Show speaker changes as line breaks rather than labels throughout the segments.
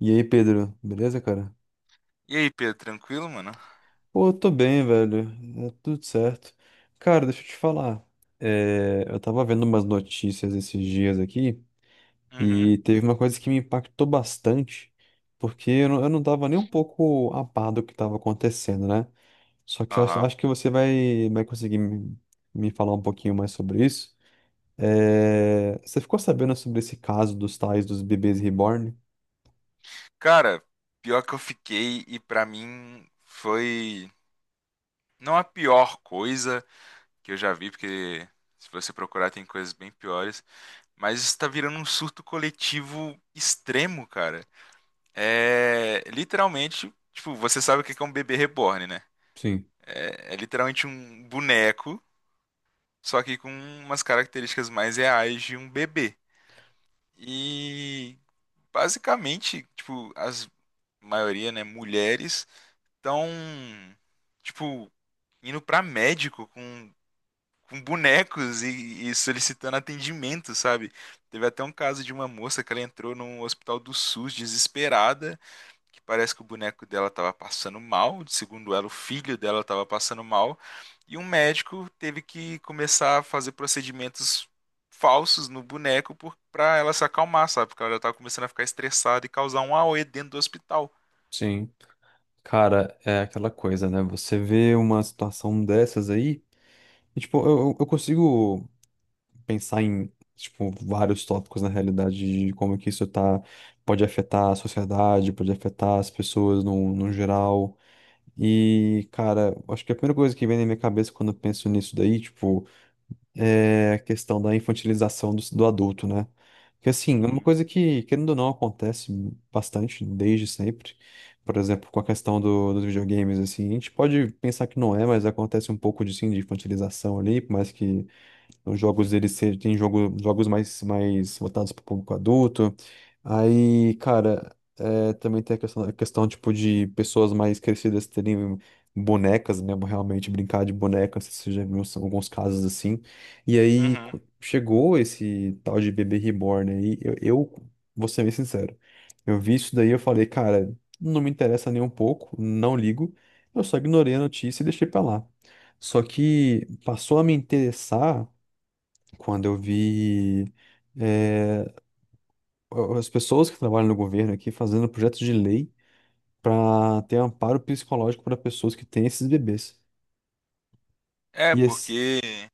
E aí, Pedro, beleza, cara?
E aí, Pedro, tranquilo, mano?
Pô, eu tô bem, velho. É tudo certo. Cara, deixa eu te falar. Eu tava vendo umas notícias esses dias aqui
Uhum.
e teve uma coisa que me impactou bastante, porque eu não tava nem um pouco a par do que tava acontecendo, né? Só que
Aham.
acho que vai conseguir me falar um pouquinho mais sobre isso. É, você ficou sabendo sobre esse caso dos tais dos bebês reborn?
Cara, pior que eu fiquei e pra mim foi não a pior coisa que eu já vi, porque se você procurar tem coisas bem piores, mas isso tá virando um surto coletivo extremo, cara. É literalmente, tipo, você sabe o que que é um bebê reborn, né?
Sim,
É literalmente um boneco, só que com umas características mais reais de um bebê. E basicamente, tipo, as maioria, né, mulheres, estão, tipo, indo pra médico com bonecos e solicitando atendimento, sabe? Teve até um caso de uma moça que ela entrou no hospital do SUS desesperada, que parece que o boneco dela tava passando mal, segundo ela, o filho dela tava passando mal, e um médico teve que começar a fazer procedimentos falsos no boneco pra ela se acalmar, sabe? Porque ela já tava começando a ficar estressada e causar um AOE dentro do hospital.
sim. Cara, é aquela coisa, né? Você vê uma situação dessas aí, e, tipo, eu consigo pensar em, tipo, vários tópicos na realidade de como que pode afetar a sociedade, pode afetar as pessoas no, no geral. E, cara, acho que a primeira coisa que vem na minha cabeça quando eu penso nisso daí, tipo, é a questão da infantilização do adulto, né? Que assim, é uma
Uhum,
coisa que, querendo ou não, acontece bastante desde sempre. Por exemplo, com a questão dos videogames, assim, a gente pode pensar que não é, mas acontece um pouco de, sim, de infantilização ali, por mais que os jogos, eles se- tem jogos mais, mais voltados para o público adulto. Aí, cara, é, também tem a questão, tipo, de pessoas mais crescidas terem bonecas, né? Realmente brincar de bonecas, você já viu são alguns casos assim. E aí
uhum.
chegou esse tal de bebê reborn aí. Eu vou ser bem sincero. Eu vi isso daí, eu falei, cara, não me interessa nem um pouco, não ligo. Eu só ignorei a notícia e deixei pra lá. Só que passou a me interessar quando eu vi eh, as pessoas que trabalham no governo aqui fazendo projetos de lei para ter amparo psicológico para pessoas que têm esses bebês.
É,
E esse,
porque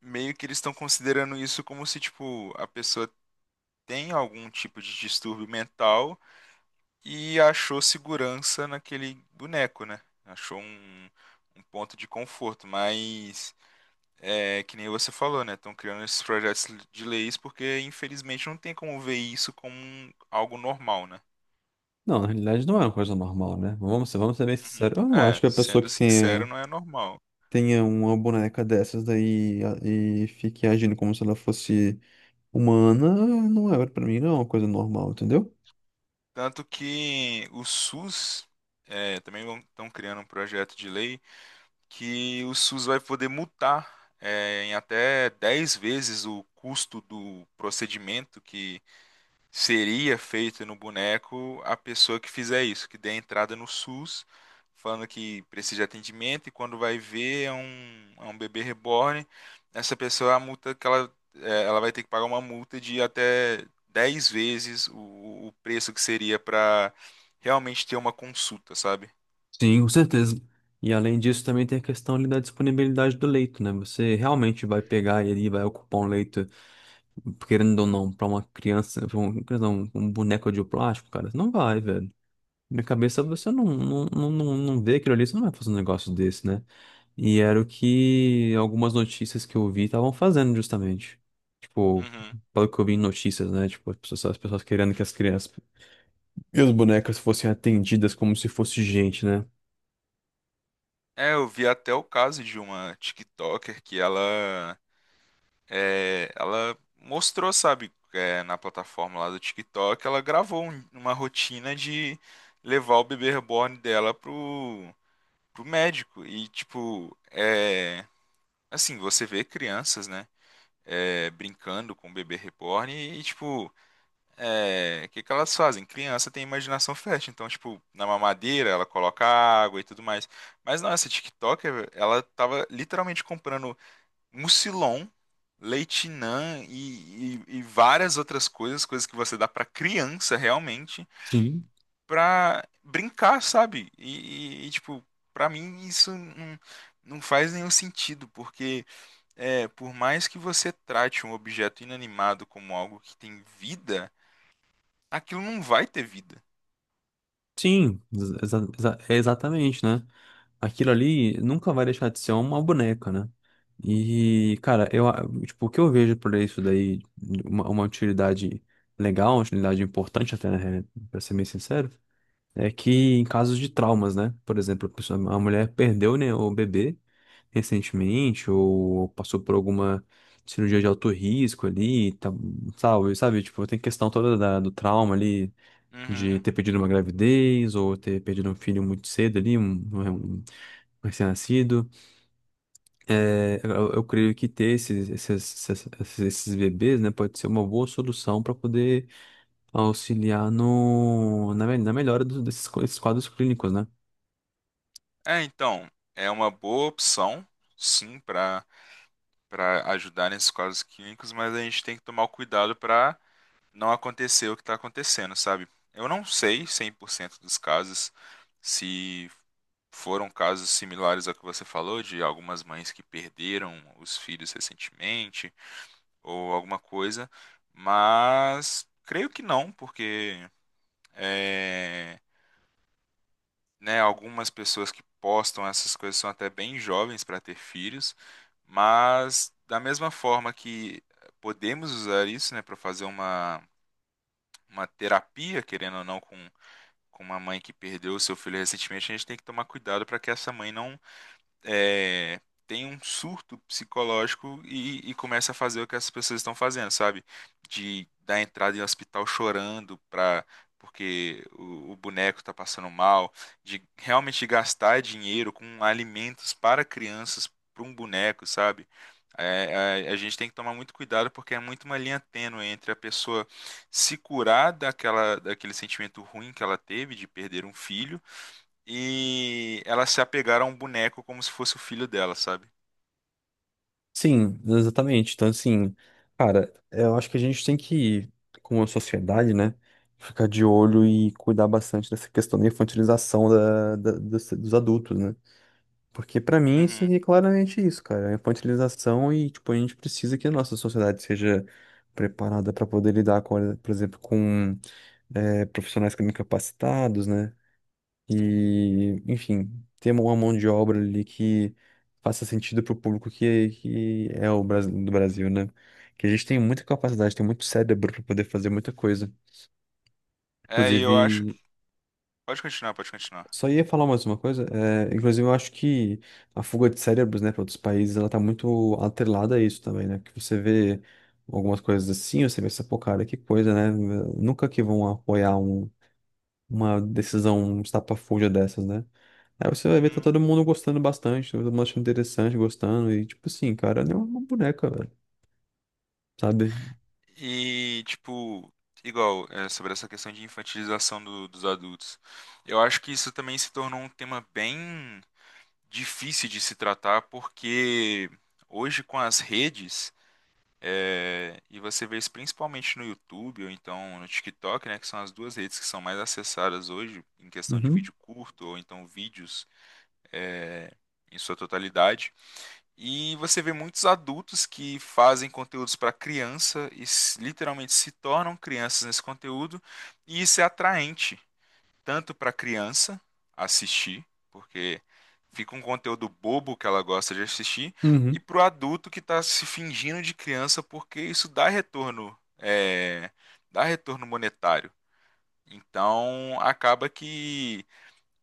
meio que eles estão considerando isso como se, tipo, a pessoa tem algum tipo de distúrbio mental e achou segurança naquele boneco, né? Achou um ponto de conforto, mas é que nem você falou, né? Estão criando esses projetos de leis porque, infelizmente, não tem como ver isso como algo normal, né?
não, na realidade não é uma coisa normal, né? Vamos ser bem
Uhum.
sinceros. Eu não acho
É,
que a pessoa
sendo sincero, não é normal.
tenha uma boneca dessas daí e fique agindo como se ela fosse humana, não é para mim, não é uma coisa normal, entendeu?
Tanto que o SUS também estão criando um projeto de lei que o SUS vai poder multar em até 10 vezes o custo do procedimento que seria feito no boneco a pessoa que fizer isso, que dê entrada no SUS, falando que precisa de atendimento e quando vai ver é um bebê reborn, essa pessoa, a multa que ela vai ter que pagar uma multa de até 10 vezes o preço que seria para realmente ter uma consulta, sabe?
Sim, com certeza. E além disso, também tem a questão ali da disponibilidade do leito, né? Você realmente vai pegar ele e vai ocupar um leito, querendo ou não, pra uma criança, pra um, criança não, um boneco de plástico, cara? Não vai, velho. Na minha cabeça, você não vê aquilo ali, você não vai fazer um negócio desse, né? E era o que algumas notícias que eu vi estavam fazendo, justamente. Tipo,
Uhum.
pelo que eu vi em notícias, né? Tipo, as pessoas querendo que as crianças e as bonecas fossem atendidas como se fosse gente, né?
É, eu vi até o caso de uma TikToker que ela mostrou, sabe, na plataforma lá do TikTok, ela gravou uma rotina de levar o bebê reborn dela pro médico. E, tipo, assim, você vê crianças, né, brincando com o bebê reborn e, tipo, o que que elas fazem? Criança tem imaginação fértil, então, tipo, na mamadeira ela coloca água e tudo mais. Mas não, essa TikToker, ela tava literalmente comprando Mucilon, Leitinã e várias outras coisas, coisas que você dá pra criança realmente,
Sim.
pra brincar, sabe? E, tipo, pra mim isso não, não faz nenhum sentido, porque por mais que você trate um objeto inanimado como algo que tem vida, aquilo não vai ter vida.
Sim, é exatamente, né? Aquilo ali nunca vai deixar de ser uma boneca, né? E, cara, tipo, o que eu vejo por isso daí, uma utilidade legal, uma utilidade importante até, né, pra ser bem sincero, é que em casos de traumas, né? Por exemplo, a mulher perdeu, né, o bebê recentemente, ou passou por alguma cirurgia de alto risco ali, tá, sabe? Tipo, tem questão toda do trauma ali de
Uhum.
ter perdido uma gravidez ou ter perdido um filho muito cedo ali, um recém-nascido. É, eu creio que ter esses bebês, né, pode ser uma boa solução para poder auxiliar no, na, me- na melhora desses quadros clínicos, né?
É, então, é uma boa opção, sim, para ajudar nesses casos clínicos, mas a gente tem que tomar o cuidado para não acontecer o que está acontecendo, sabe? Eu não sei 100% dos casos se foram casos similares ao que você falou, de algumas mães que perderam os filhos recentemente, ou alguma coisa, mas creio que não, porque. eh, né, algumas pessoas que postam essas coisas são até bem jovens para ter filhos, mas da mesma forma que podemos usar isso, né, para fazer uma terapia, querendo ou não, com uma mãe que perdeu o seu filho recentemente, a gente tem que tomar cuidado para que essa mãe não é, tem um surto psicológico e começa a fazer o que as pessoas estão fazendo, sabe? De dar entrada em hospital chorando porque o boneco tá passando mal, de realmente gastar dinheiro com alimentos para crianças, para um boneco, sabe? É, a gente tem que tomar muito cuidado porque é muito uma linha tênue entre a pessoa se curar daquele sentimento ruim que ela teve de perder um filho e ela se apegaram a um boneco como se fosse o filho dela, sabe?
Sim, exatamente. Então, assim, cara, eu acho que a gente tem que, como a sociedade, né, ficar de olho e cuidar bastante dessa questão da infantilização dos adultos, né? Porque pra mim isso
Uhum.
aí é claramente isso, cara. É infantilização e, tipo, a gente precisa que a nossa sociedade seja preparada pra poder lidar com, por exemplo, com profissionais que incapacitados, né? E, enfim, ter uma mão de obra ali que faça sentido pro público que é do Brasil, né? Que a gente tem muita capacidade, tem muito cérebro pra poder fazer muita coisa.
É, e eu acho que.
Inclusive,
Pode continuar, pode continuar.
Só ia falar mais uma coisa. É, inclusive, eu acho que a fuga de cérebros, né, para outros países, ela tá muito atrelada a isso também, né? Que você vê algumas coisas assim, você pensa, pô, cara, que coisa, né? Nunca que vão apoiar uma decisão um estapafúrdia dessas, né? Aí você vai ver, tá
Uhum.
todo mundo gostando bastante, todo mundo achando interessante, gostando, e tipo assim, cara, é uma boneca, velho, sabe?
E, tipo, igual, sobre essa questão de infantilização dos adultos. Eu acho que isso também se tornou um tema bem difícil de se tratar, porque hoje com as redes, e você vê isso principalmente no YouTube ou então no TikTok, né, que são as duas redes que são mais acessadas hoje em questão de
Uhum.
vídeo curto ou então vídeos é, em sua totalidade. E você vê muitos adultos que fazem conteúdos para criança e literalmente se tornam crianças nesse conteúdo, e isso é atraente tanto para a criança assistir, porque fica um conteúdo bobo que ela gosta de assistir, e
Uhum.
para o adulto que está se fingindo de criança, porque isso dá retorno, dá retorno monetário. Então acaba que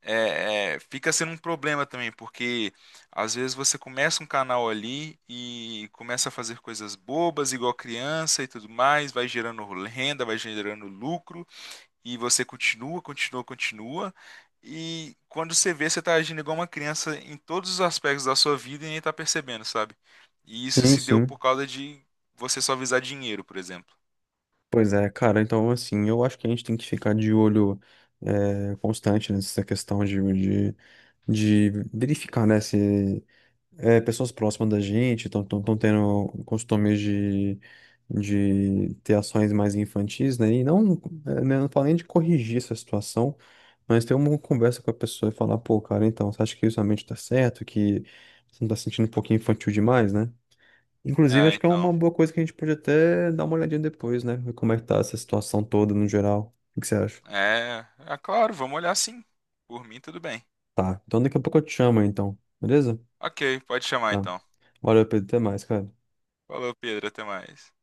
fica sendo um problema também, porque às vezes você começa um canal ali e começa a fazer coisas bobas, igual criança e tudo mais, vai gerando renda, vai gerando lucro, e você continua, continua, continua. E quando você vê, você está agindo igual uma criança em todos os aspectos da sua vida e nem está percebendo, sabe? E isso
Sim,
se deu
sim.
por causa de você só visar dinheiro, por exemplo.
Pois é, cara, então assim, eu acho que a gente tem que ficar de olho constante nessa questão de verificar, né, se pessoas próximas da gente estão tendo costumes de ter ações mais infantis, né, e não, né, não falo nem de corrigir essa situação, mas ter uma conversa com a pessoa e falar, pô, cara, então, você acha que isso realmente tá certo, que você não tá se sentindo um pouquinho infantil demais, né? Inclusive,
É,
acho que é
então.
uma boa coisa que a gente pode até dar uma olhadinha depois, né? Ver como é que tá essa situação toda no geral. O que que você acha?
É, é claro, vamos olhar sim. Por mim, tudo bem.
Tá, então daqui a pouco eu te chamo, então. Beleza?
Ok, pode chamar
Tá.
então.
Valeu, Pedro. Até mais, cara.
Falou, Pedro, até mais.